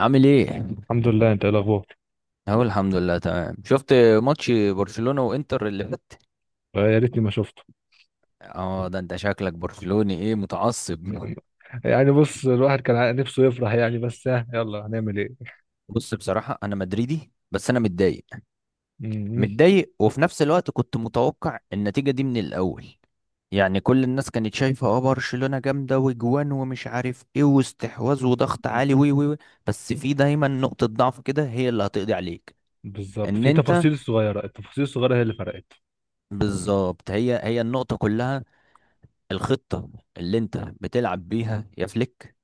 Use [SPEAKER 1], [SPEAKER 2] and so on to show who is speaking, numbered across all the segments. [SPEAKER 1] عامل ايه؟
[SPEAKER 2] الحمد لله، انت ايه الاخبار؟
[SPEAKER 1] اهو الحمد لله تمام. شفت ماتش برشلونة وانتر اللي فات.
[SPEAKER 2] آه، يا ريتني ما شفته.
[SPEAKER 1] اه، ده انت شكلك برشلوني، ايه، متعصب؟
[SPEAKER 2] يعني بص الواحد كان نفسه يفرح يعني، بس ها يلا هنعمل ايه.
[SPEAKER 1] بص، بصراحة انا مدريدي بس انا متضايق.
[SPEAKER 2] م-
[SPEAKER 1] متضايق، وفي نفس الوقت كنت متوقع النتيجة دي من الاول. يعني كل الناس كانت شايفة برشلونة جامدة وجوان ومش عارف ايه واستحواذ وضغط
[SPEAKER 2] م-
[SPEAKER 1] عالي، وي وي وي. بس في دايما نقطة ضعف كده هي اللي هتقضي عليك.
[SPEAKER 2] بالظبط،
[SPEAKER 1] ان
[SPEAKER 2] في
[SPEAKER 1] انت
[SPEAKER 2] تفاصيل صغيره، التفاصيل الصغيره هي اللي فرقت
[SPEAKER 1] بالظبط، هي النقطة كلها. الخطة اللي انت بتلعب بيها يا فليك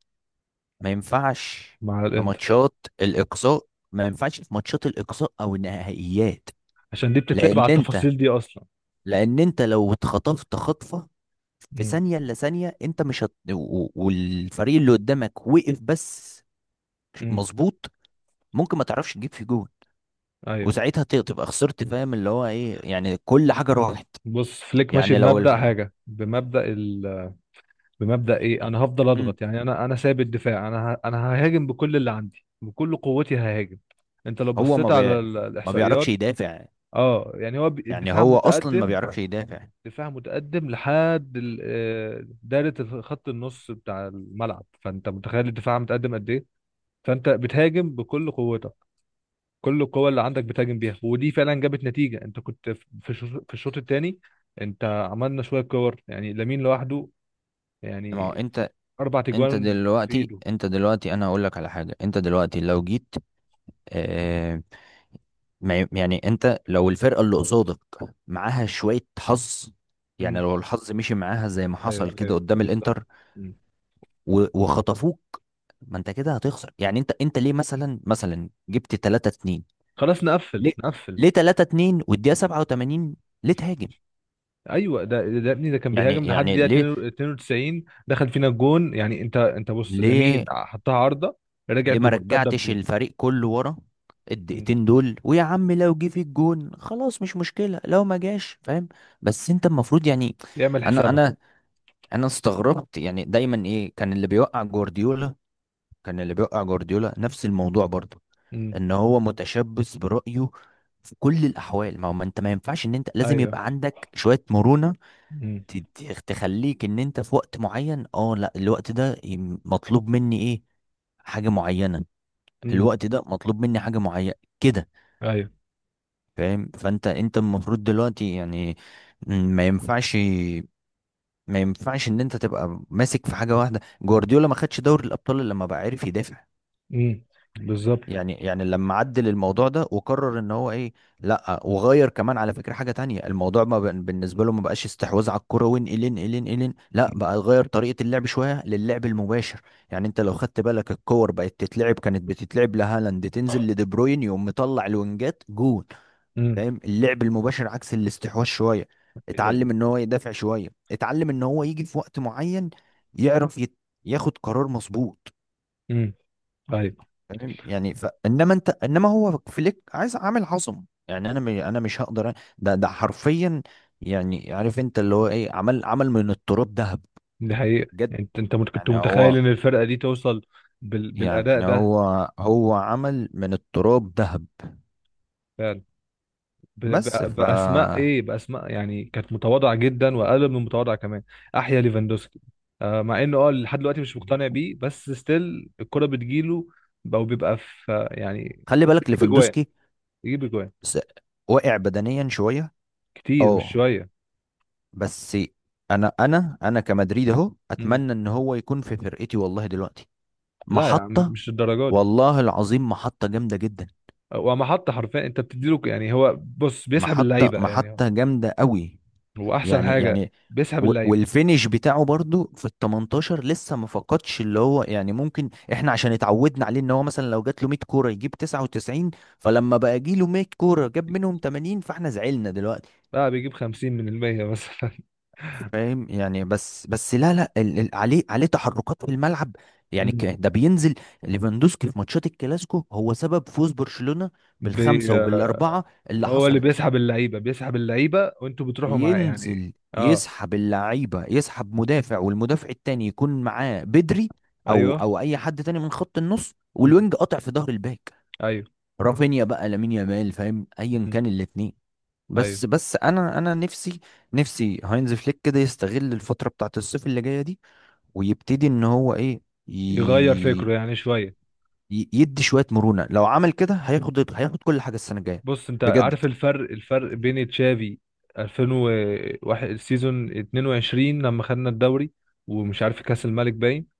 [SPEAKER 1] ما ينفعش
[SPEAKER 2] مع
[SPEAKER 1] في
[SPEAKER 2] الانتر،
[SPEAKER 1] ماتشات الإقصاء. ما ينفعش في ماتشات الإقصاء أو النهائيات.
[SPEAKER 2] عشان دي بتتلعب
[SPEAKER 1] لأن
[SPEAKER 2] على
[SPEAKER 1] انت
[SPEAKER 2] التفاصيل دي اصلا.
[SPEAKER 1] لأن انت لو اتخطفت خطفة في
[SPEAKER 2] م-
[SPEAKER 1] ثانية إلا ثانية، انت مش هت... و- و- والفريق اللي قدامك وقف بس.
[SPEAKER 2] م.
[SPEAKER 1] مظبوط. ممكن ما تعرفش تجيب فيه جول،
[SPEAKER 2] ايوه.
[SPEAKER 1] وساعتها تبقى خسرت، فاهم اللي هو ايه؟ يعني كل حاجة راحت.
[SPEAKER 2] بص فليك ماشي
[SPEAKER 1] يعني لو
[SPEAKER 2] بمبدأ
[SPEAKER 1] الف...
[SPEAKER 2] حاجه، بمبدأ ايه، انا هفضل
[SPEAKER 1] مم.
[SPEAKER 2] اضغط يعني، انا سايب الدفاع، انا ههاجم بكل اللي عندي، بكل قوتي ههاجم. انت لو
[SPEAKER 1] هو
[SPEAKER 2] بصيت
[SPEAKER 1] ما
[SPEAKER 2] على
[SPEAKER 1] بي... ما بيعرفش
[SPEAKER 2] الاحصائيات،
[SPEAKER 1] يدافع.
[SPEAKER 2] اه يعني هو
[SPEAKER 1] يعني
[SPEAKER 2] الدفاع
[SPEAKER 1] هو أصلا ما
[SPEAKER 2] متقدم.
[SPEAKER 1] بيعرفش يدافع.
[SPEAKER 2] دفاع متقدم لحد دايرة خط النص بتاع الملعب، فانت متخيل الدفاع متقدم قد ايه. فانت بتهاجم بكل قوتك، كل القوة اللي عندك بتهاجم بيها، ودي فعلا جابت نتيجة. انت كنت في الشوط في الشوط الثاني انت عملنا شوية كور، يعني لامين لوحده،
[SPEAKER 1] ما هو
[SPEAKER 2] يعني
[SPEAKER 1] انت،
[SPEAKER 2] اربع
[SPEAKER 1] انت
[SPEAKER 2] تجوان في
[SPEAKER 1] دلوقتي
[SPEAKER 2] ايده.
[SPEAKER 1] انت دلوقتي انا هقول لك على حاجه. انت دلوقتي لو جيت، اه، ما ي- يعني انت لو الفرقه اللي قصادك معاها شويه حظ، يعني
[SPEAKER 2] امم،
[SPEAKER 1] لو الحظ مشي معاها زي ما حصل
[SPEAKER 2] ايوه
[SPEAKER 1] كده
[SPEAKER 2] ايوه
[SPEAKER 1] قدام
[SPEAKER 2] بالظبط.
[SPEAKER 1] الانتر
[SPEAKER 2] مم.
[SPEAKER 1] و- وخطفوك، ما انت كده هتخسر. يعني انت ليه مثلا جبت 3-2؟
[SPEAKER 2] خلاص نقفل
[SPEAKER 1] ليه
[SPEAKER 2] نقفل.
[SPEAKER 1] ليه 3-2 والدقيقه 87؟ ليه تهاجم؟
[SPEAKER 2] ايوه ده ابني ده كان
[SPEAKER 1] يعني
[SPEAKER 2] بيهاجم لحد
[SPEAKER 1] يعني
[SPEAKER 2] دقيقه
[SPEAKER 1] ليه؟
[SPEAKER 2] 92، دخل فينا الجون. يعني انت بص، لامين
[SPEAKER 1] ليه
[SPEAKER 2] حطها عارضه، رجعت
[SPEAKER 1] ليه ما
[SPEAKER 2] بمرتده
[SPEAKER 1] رجعتش
[SPEAKER 2] بجون.
[SPEAKER 1] الفريق كله ورا
[SPEAKER 2] مم.
[SPEAKER 1] الدقيقتين دول؟ ويا عم، لو جه في الجون خلاص مش مشكلة، لو ما جاش، فاهم؟ بس انت المفروض يعني،
[SPEAKER 2] يعمل
[SPEAKER 1] انا
[SPEAKER 2] حسابها.
[SPEAKER 1] انا انا استغربت. يعني دايما ايه كان اللي بيوقع جوارديولا؟ كان اللي بيوقع جوارديولا نفس الموضوع برضه،
[SPEAKER 2] مم.
[SPEAKER 1] ان هو متشبث برأيه في كل الاحوال. ما هو، ما انت، ما ينفعش. ان انت لازم
[SPEAKER 2] ايوه.
[SPEAKER 1] يبقى عندك شوية مرونة
[SPEAKER 2] مم.
[SPEAKER 1] تخليك، ان انت في وقت معين، اه، لا، الوقت ده مطلوب مني ايه؟ حاجة معينة.
[SPEAKER 2] مم.
[SPEAKER 1] الوقت ده مطلوب مني حاجة معينة، كده.
[SPEAKER 2] ايوه.
[SPEAKER 1] فاهم؟ فانت انت المفروض دلوقتي يعني، ما ينفعش. ما ينفعش ان انت تبقى ماسك في حاجة واحدة. جوارديولا ما خدش دوري الابطال الا لما بقى عارف يدافع.
[SPEAKER 2] مم. بالظبط.
[SPEAKER 1] يعني لما عدل الموضوع ده وقرر ان هو ايه، لا، وغير كمان على فكرة حاجة تانية. الموضوع ما بقى- بالنسبة له ما بقاش استحواذ على الكرة وين الين، لا، بقى غير طريقة اللعب شوية للعب المباشر. يعني انت لو خدت بالك، الكور بقت تتلعب، كانت بتتلعب لهالاند، تنزل لدي بروين، يقوم مطلع الوينجات جون.
[SPEAKER 2] مم.
[SPEAKER 1] فاهم؟ اللعب المباشر عكس الاستحواذ شوية. اتعلم ان هو يدافع شوية، اتعلم ان هو يجي في وقت معين يعرف يت... ياخد قرار مظبوط.
[SPEAKER 2] مم. ايوه.
[SPEAKER 1] فاهم يعني؟ ف... انما انت انما هو فليك عايز عامل عظم. يعني انا مش هقدر ده ده حرفيا، يعني، عارف انت اللي هو ايه، عمل من التراب ذهب.
[SPEAKER 2] دي حقيقه.
[SPEAKER 1] بجد.
[SPEAKER 2] انت كنت
[SPEAKER 1] يعني
[SPEAKER 2] متخيل
[SPEAKER 1] هو
[SPEAKER 2] ان الفرقه دي توصل بالاداء
[SPEAKER 1] يعني هو عمل من التراب ذهب.
[SPEAKER 2] ده،
[SPEAKER 1] بس ف
[SPEAKER 2] باسماء ايه، باسماء يعني كانت متواضعه جدا، واقل من المتواضعه كمان. احيا ليفاندوسكي. آه، مع انه لحد دلوقتي مش مقتنع بيه، بس ستيل الكره بتجيله، او بيبقى في يعني.
[SPEAKER 1] خلي بالك،
[SPEAKER 2] بيجيب اجوان
[SPEAKER 1] ليفاندوسكي
[SPEAKER 2] بيجيب اجوان،
[SPEAKER 1] س- واقع بدنيا شويه،
[SPEAKER 2] كتير مش
[SPEAKER 1] اه،
[SPEAKER 2] شويه.
[SPEAKER 1] بس انا كمدريد اهو
[SPEAKER 2] مم.
[SPEAKER 1] اتمنى ان هو يكون في فرقتي والله دلوقتي.
[SPEAKER 2] لا يا عم،
[SPEAKER 1] محطه،
[SPEAKER 2] مش الدرجه دي.
[SPEAKER 1] والله العظيم محطة جامدة جدا.
[SPEAKER 2] وما حط حرفيا، انت بتديله يعني هو بص بيسحب اللعيبه، يعني هو
[SPEAKER 1] محطة جامدة قوي.
[SPEAKER 2] هو احسن
[SPEAKER 1] يعني
[SPEAKER 2] حاجه،
[SPEAKER 1] يعني.
[SPEAKER 2] بيسحب
[SPEAKER 1] و-
[SPEAKER 2] اللعيبه،
[SPEAKER 1] والفينش بتاعه برضو في ال 18 لسه ما فقدش، اللي هو يعني ممكن احنا عشان اتعودنا عليه، ان هو مثلا لو جات له 100 كورة يجيب 99. فلما بقى جي له 100 كورة جاب منهم 80، فاحنا زعلنا دلوقتي.
[SPEAKER 2] بقى بيجيب 50 من المية مثلا.
[SPEAKER 1] فاهم يعني؟ بس لا لا، عليه، تحركات في الملعب. يعني
[SPEAKER 2] مم.
[SPEAKER 1] ده بينزل. ليفاندوسكي في ماتشات الكلاسيكو هو سبب فوز برشلونة
[SPEAKER 2] بي
[SPEAKER 1] بالخمسة وبالأربعة اللي
[SPEAKER 2] هو اللي
[SPEAKER 1] حصلت.
[SPEAKER 2] بيسحب اللعيبه، بيسحب اللعيبه وانتوا بتروحوا معاه يعني.
[SPEAKER 1] بينزل
[SPEAKER 2] اه،
[SPEAKER 1] يسحب اللعيبه، يسحب مدافع، والمدافع التاني يكون معاه بدري، او
[SPEAKER 2] ايوه.
[SPEAKER 1] اي حد تاني من خط النص،
[SPEAKER 2] مم.
[SPEAKER 1] والوينج قاطع في ظهر الباك،
[SPEAKER 2] ايوه.
[SPEAKER 1] رافينيا بقى، لامين يامال، فاهم؟ ايا
[SPEAKER 2] مم.
[SPEAKER 1] كان الاثنين.
[SPEAKER 2] ايوه.
[SPEAKER 1] بس انا نفسي، نفسي هاينز فليك كده يستغل الفتره بتاعت الصيف اللي جايه دي، ويبتدي ان هو ايه، ي...
[SPEAKER 2] يغير فكره يعني شويه.
[SPEAKER 1] يدي شويه مرونه. لو عمل كده هياخد كل حاجه السنه الجايه،
[SPEAKER 2] بص انت
[SPEAKER 1] بجد.
[SPEAKER 2] عارف الفرق بين تشافي 2001، السيزون 22 لما خدنا الدوري ومش عارف كاس الملك باين،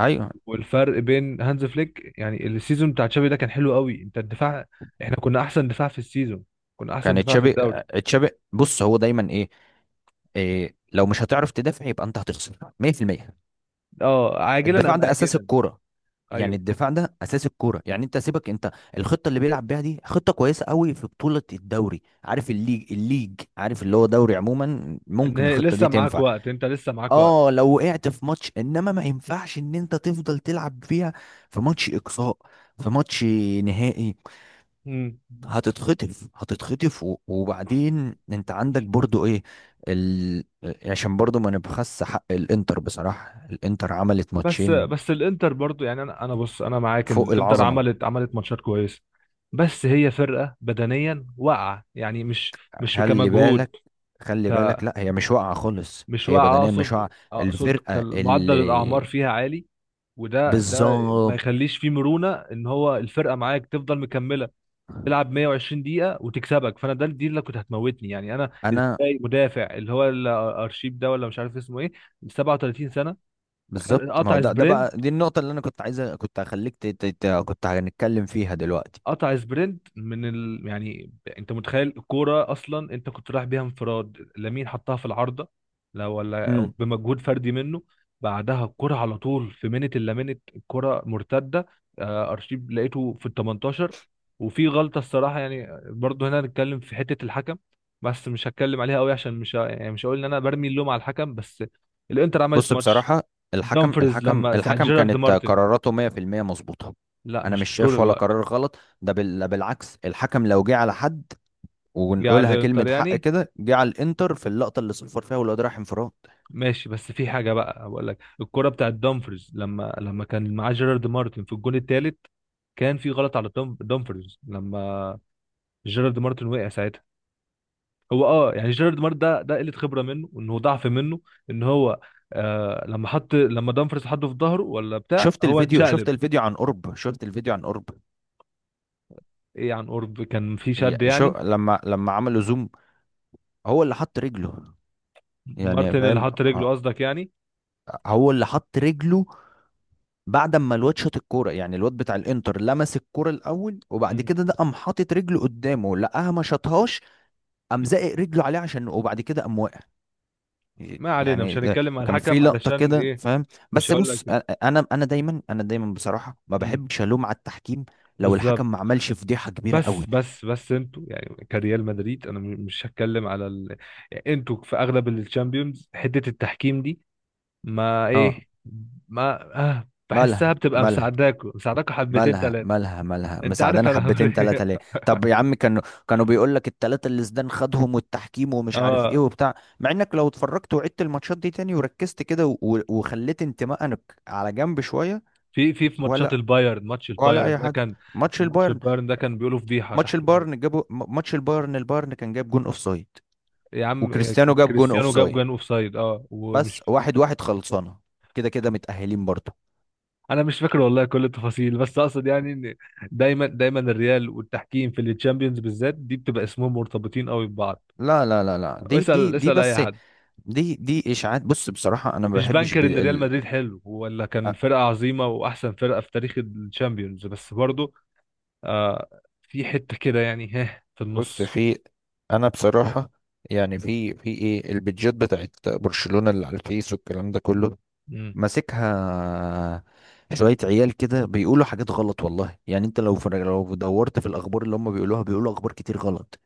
[SPEAKER 1] ايوه.
[SPEAKER 2] والفرق بين هانز فليك. يعني السيزون بتاع تشافي ده كان حلو قوي، انت الدفاع، احنا كنا احسن دفاع في السيزون، كنا احسن
[SPEAKER 1] كان
[SPEAKER 2] دفاع في
[SPEAKER 1] تشابي.
[SPEAKER 2] الدوري.
[SPEAKER 1] تشابي، بص، هو دايما ايه؟ إيه، لو مش هتعرف تدافع يبقى انت هتخسر 100%.
[SPEAKER 2] اه، عاجلا
[SPEAKER 1] الدفاع
[SPEAKER 2] ام
[SPEAKER 1] ده اساس
[SPEAKER 2] اجلا.
[SPEAKER 1] الكوره. يعني
[SPEAKER 2] ايوه.
[SPEAKER 1] الدفاع ده اساس الكوره. يعني انت سيبك انت، الخطه اللي بيلعب بيها دي خطه كويسه قوي في بطوله الدوري، عارف، الليج، عارف، اللي هو
[SPEAKER 2] مم.
[SPEAKER 1] دوري عموما،
[SPEAKER 2] ان
[SPEAKER 1] ممكن
[SPEAKER 2] هي
[SPEAKER 1] الخطه دي
[SPEAKER 2] لسه معاك
[SPEAKER 1] تنفع،
[SPEAKER 2] وقت، انت لسه معاك وقت.
[SPEAKER 1] اه، لو وقعت في ماتش. انما ما ينفعش ان انت تفضل تلعب فيها في ماتش اقصاء، في ماتش نهائي.
[SPEAKER 2] مم.
[SPEAKER 1] هتتخطف، و- وبعدين انت عندك برضو ايه، ال... عشان برضو ما نبخس حق الانتر. بصراحة الانتر عملت
[SPEAKER 2] بس
[SPEAKER 1] ماتشين
[SPEAKER 2] بس الانتر برضو يعني، انا بص، انا معاك ان
[SPEAKER 1] فوق
[SPEAKER 2] الانتر
[SPEAKER 1] العظمة.
[SPEAKER 2] عملت ماتشات كويسه. بس هي فرقه بدنيا واقعه يعني، مش
[SPEAKER 1] خلي
[SPEAKER 2] كمجهود.
[SPEAKER 1] بالك،
[SPEAKER 2] ك
[SPEAKER 1] لا، هي مش واقعة خالص،
[SPEAKER 2] مش
[SPEAKER 1] هي
[SPEAKER 2] واقعه
[SPEAKER 1] بدنيا، مش
[SPEAKER 2] اقصد
[SPEAKER 1] واقعة.
[SPEAKER 2] اقصد
[SPEAKER 1] الفرقة
[SPEAKER 2] كمعدل الاعمار
[SPEAKER 1] اللي
[SPEAKER 2] فيها عالي، وده ما
[SPEAKER 1] بالظبط.
[SPEAKER 2] يخليش فيه مرونه ان هو الفرقه معاك تفضل مكمله، تلعب 120 دقيقه وتكسبك. فانا ده دي اللي كنت هتموتني، يعني انا
[SPEAKER 1] انا
[SPEAKER 2] ازاي مدافع اللي هو الارشيب ده ولا مش عارف اسمه ايه 37 سنه
[SPEAKER 1] بالظبط ما هو
[SPEAKER 2] قطع
[SPEAKER 1] ده، ده بقى
[SPEAKER 2] سبرنت
[SPEAKER 1] دي النقطة اللي انا كنت عايزة، كنت هخليك كنت هنتكلم فيها دلوقتي.
[SPEAKER 2] قطع سبرنت يعني. انت متخيل الكوره اصلا، انت كنت رايح بيها انفراد، لامين حطها في العارضه، لا ولا أو
[SPEAKER 1] مم.
[SPEAKER 2] بمجهود فردي منه. بعدها الكوره على طول، في منت الا منت الكوره مرتده. آه، ارشيب لقيته في ال 18، وفي غلطه الصراحه يعني برضه هنا. هنتكلم في حته الحكم بس مش هتكلم عليها قوي، عشان مش ه... يعني مش هقول ان انا برمي اللوم على الحكم. بس الانتر عملت
[SPEAKER 1] بص،
[SPEAKER 2] ماتش،
[SPEAKER 1] بصراحة، الحكم
[SPEAKER 2] دامفرز
[SPEAKER 1] الحكم
[SPEAKER 2] لما ساعد
[SPEAKER 1] الحكم
[SPEAKER 2] جيرارد
[SPEAKER 1] كانت
[SPEAKER 2] مارتن.
[SPEAKER 1] قراراته 100% مظبوطة.
[SPEAKER 2] لا،
[SPEAKER 1] أنا
[SPEAKER 2] مش
[SPEAKER 1] مش
[SPEAKER 2] طول
[SPEAKER 1] شايف ولا
[SPEAKER 2] الوقت.
[SPEAKER 1] قرار غلط. ده بالعكس، الحكم لو جه على حد،
[SPEAKER 2] جه على
[SPEAKER 1] ونقولها كلمة
[SPEAKER 2] الانتر
[SPEAKER 1] حق
[SPEAKER 2] يعني،
[SPEAKER 1] كده، جه على الإنتر في اللقطة اللي صفر فيها والواد راح انفراد.
[SPEAKER 2] ماشي. بس في حاجه بقى بقول لك، الكره بتاعت دامفرز لما كان معاه جيرارد مارتن في الجون الثالث، كان في غلط على دامفرز لما جيرارد مارتن وقع ساعتها. هو يعني جيرارد مارتن ده قله خبره منه، انه ضعف منه ان هو، آه لما دامفرز حطه في ظهره ولا بتاع،
[SPEAKER 1] شفت
[SPEAKER 2] هو
[SPEAKER 1] الفيديو،
[SPEAKER 2] اتشقلب.
[SPEAKER 1] شفت الفيديو عن قرب.
[SPEAKER 2] ايه، عن قرب كان في
[SPEAKER 1] هي-
[SPEAKER 2] شد
[SPEAKER 1] شو
[SPEAKER 2] يعني.
[SPEAKER 1] لما عملوا زوم، هو اللي حط رجله، يعني
[SPEAKER 2] مارتن اللي
[SPEAKER 1] فاهم؟
[SPEAKER 2] حط رجله قصدك يعني.
[SPEAKER 1] هو اللي حط رجله بعد ما الواد شاط الكوره، يعني الواد بتاع الانتر لمس الكوره الاول، وبعد
[SPEAKER 2] مم.
[SPEAKER 1] كده ده قام حاطط رجله قدامه، لقاها ما شاطهاش، قام زائق رجله عليه عشان، وبعد كده قام واقع.
[SPEAKER 2] ما علينا، مش
[SPEAKER 1] يعني آه،
[SPEAKER 2] هنتكلم على
[SPEAKER 1] كان في
[SPEAKER 2] الحكم
[SPEAKER 1] لقطه
[SPEAKER 2] علشان
[SPEAKER 1] كده،
[SPEAKER 2] ايه.
[SPEAKER 1] فاهم؟
[SPEAKER 2] مش
[SPEAKER 1] بس
[SPEAKER 2] هقول
[SPEAKER 1] بص،
[SPEAKER 2] لك.
[SPEAKER 1] انا دايما بصراحه ما
[SPEAKER 2] مم.
[SPEAKER 1] بحبش الوم على التحكيم لو
[SPEAKER 2] بالظبط.
[SPEAKER 1] الحكم ما عملش فضيحه كبيره قوي.
[SPEAKER 2] بس انتوا يعني كريال مدريد، انا مش هتكلم على يعني انتوا في اغلب الشامبيونز حته التحكيم دي ما
[SPEAKER 1] اه.
[SPEAKER 2] ايه ما، آه بحسها
[SPEAKER 1] مالها
[SPEAKER 2] بتبقى
[SPEAKER 1] مالها
[SPEAKER 2] مساعداكوا مساعداكوا حبتين ثلاثه.
[SPEAKER 1] مالها،
[SPEAKER 2] انت عارف
[SPEAKER 1] مساعدانا
[SPEAKER 2] انا هقول
[SPEAKER 1] حبتين تلاتة،
[SPEAKER 2] ايه.
[SPEAKER 1] ليه؟ طب يا عم، كانوا بيقول لك التلاتة اللي زدان خدهم، والتحكيم، ومش عارف ايه
[SPEAKER 2] اه،
[SPEAKER 1] وبتاع، مع انك لو اتفرجت وعدت الماتشات دي تاني وركزت كده و- وخليت انتمائك على جنب شوية،
[SPEAKER 2] في ماتشات
[SPEAKER 1] ولا،
[SPEAKER 2] البايرن، ماتش البايرن
[SPEAKER 1] اي
[SPEAKER 2] ده
[SPEAKER 1] حاجة.
[SPEAKER 2] كان،
[SPEAKER 1] ماتش
[SPEAKER 2] كان ماتش
[SPEAKER 1] البايرن،
[SPEAKER 2] البايرن ده كان بيقولوا فضيحه تحكيم.
[SPEAKER 1] ماتش البايرن، البايرن كان جاب جون اوف سايد،
[SPEAKER 2] يا عم آه،
[SPEAKER 1] وكريستيانو جاب جون اوف
[SPEAKER 2] كريستيانو جاب
[SPEAKER 1] سايد،
[SPEAKER 2] جون اوف سايد، ومش،
[SPEAKER 1] بس واحد واحد خلصانه. كده كده متأهلين برضه.
[SPEAKER 2] انا مش فاكر والله كل التفاصيل، بس اقصد يعني ان دايما الريال والتحكيم في الشامبيونز بالذات دي بتبقى اسمهم مرتبطين قوي ببعض.
[SPEAKER 1] لا
[SPEAKER 2] واسال
[SPEAKER 1] دي
[SPEAKER 2] اسال اي
[SPEAKER 1] بس،
[SPEAKER 2] حد.
[SPEAKER 1] دي اشاعات. بص، بصراحة، انا ما
[SPEAKER 2] مش
[SPEAKER 1] بحبش
[SPEAKER 2] بنكر ان ريال مدريد حلو ولا، كان
[SPEAKER 1] أ-
[SPEAKER 2] فرقه عظيمه واحسن فرقه في تاريخ الشامبيونز، بس برضه آه في حته كده يعني، ها في
[SPEAKER 1] بص
[SPEAKER 2] النص.
[SPEAKER 1] في، انا بصراحة يعني، في ايه، البيدجات بتاعت برشلونة اللي على الفيس والكلام ده كله،
[SPEAKER 2] امم.
[SPEAKER 1] ماسكها شوية عيال كده، بيقولوا حاجات غلط والله. يعني انت لو في، لو دورت في الاخبار اللي هم بيقولوها، بيقولوا اخبار كتير غلط.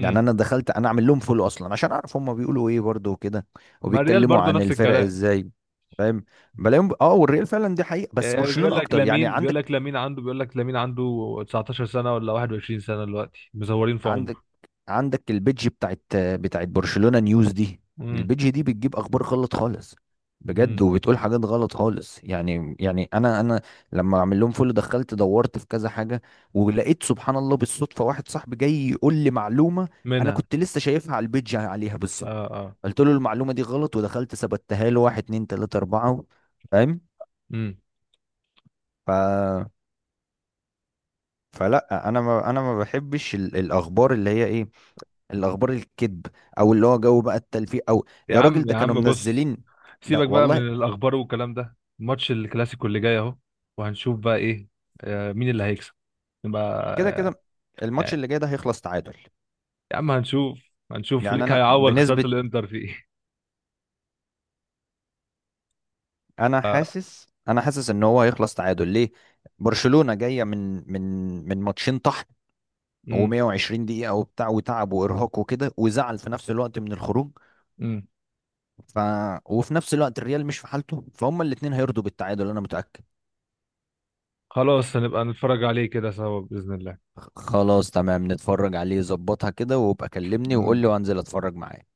[SPEAKER 1] يعني انا دخلت انا اعمل لهم فولو اصلا عشان اعرف هم بيقولوا ايه برضه وكده،
[SPEAKER 2] ما الريال
[SPEAKER 1] وبيتكلموا
[SPEAKER 2] برضه
[SPEAKER 1] عن
[SPEAKER 2] نفس
[SPEAKER 1] الفرق
[SPEAKER 2] الكلام.
[SPEAKER 1] ازاي، فاهم؟ بلاقيهم، اه، والريال فعلا دي حقيقة، بس
[SPEAKER 2] آه،
[SPEAKER 1] برشلونة اكتر. يعني عندك،
[SPEAKER 2] بيقول لك لامين عنده 19 سنه ولا 21 سنه دلوقتي، مزورين في عمره.
[SPEAKER 1] عندك عندك البيدج بتاعت، برشلونة نيوز دي،
[SPEAKER 2] امم.
[SPEAKER 1] البيدج دي بتجيب اخبار غلط خالص، بجد،
[SPEAKER 2] امم.
[SPEAKER 1] وبتقول حاجات غلط خالص. يعني يعني، انا انا لما اعمل لهم فولو دخلت دورت في كذا حاجة، ولقيت سبحان الله بالصدفة واحد صاحبي جاي يقول لي معلومة انا
[SPEAKER 2] منها.
[SPEAKER 1] كنت لسه شايفها على البيدج، عليها
[SPEAKER 2] اه
[SPEAKER 1] بالصدفة.
[SPEAKER 2] آه.
[SPEAKER 1] قلت له المعلومة دي غلط، ودخلت ثبتها له واحد اتنين تلاتة أربعة، فاهم؟
[SPEAKER 2] امم.
[SPEAKER 1] ف... فلا انا، ما بحبش الاخبار اللي هي ايه، الاخبار الكذب، او اللي هو جو بقى التلفيق، او
[SPEAKER 2] يا
[SPEAKER 1] يا راجل
[SPEAKER 2] عم
[SPEAKER 1] ده
[SPEAKER 2] يا
[SPEAKER 1] كانوا
[SPEAKER 2] عم بص،
[SPEAKER 1] منزلين. ده
[SPEAKER 2] سيبك بقى
[SPEAKER 1] والله.
[SPEAKER 2] من الاخبار والكلام ده. ماتش الكلاسيكو اللي جاي اهو، وهنشوف بقى ايه. آه، مين اللي هيكسب. نبقى
[SPEAKER 1] كده
[SPEAKER 2] آه،
[SPEAKER 1] كده الماتش
[SPEAKER 2] يعني.
[SPEAKER 1] اللي جاي ده هيخلص تعادل.
[SPEAKER 2] يا عم هنشوف. هنشوف
[SPEAKER 1] يعني
[SPEAKER 2] ليك
[SPEAKER 1] انا
[SPEAKER 2] هيعوض خسارة
[SPEAKER 1] بنسبة
[SPEAKER 2] الانتر في ايه.
[SPEAKER 1] انا حاسس ان هو هيخلص تعادل. ليه؟ برشلونة جاية من، من ماتشين طحن،
[SPEAKER 2] امم.
[SPEAKER 1] و120 دقيقة، وبتاع، وتعب، وارهاق، وكده، وزعل في نفس الوقت من الخروج.
[SPEAKER 2] امم.
[SPEAKER 1] ف، وفي نفس الوقت الريال مش في حالته، فهم الاتنين هيرضوا بالتعادل، انا متأكد.
[SPEAKER 2] خلاص هنبقى نتفرج عليه كده سوا بإذن الله.
[SPEAKER 1] خلاص، تمام، نتفرج عليه، ظبطها كده، وابقى كلمني وقول
[SPEAKER 2] مم.
[SPEAKER 1] لي وانزل اتفرج معاك.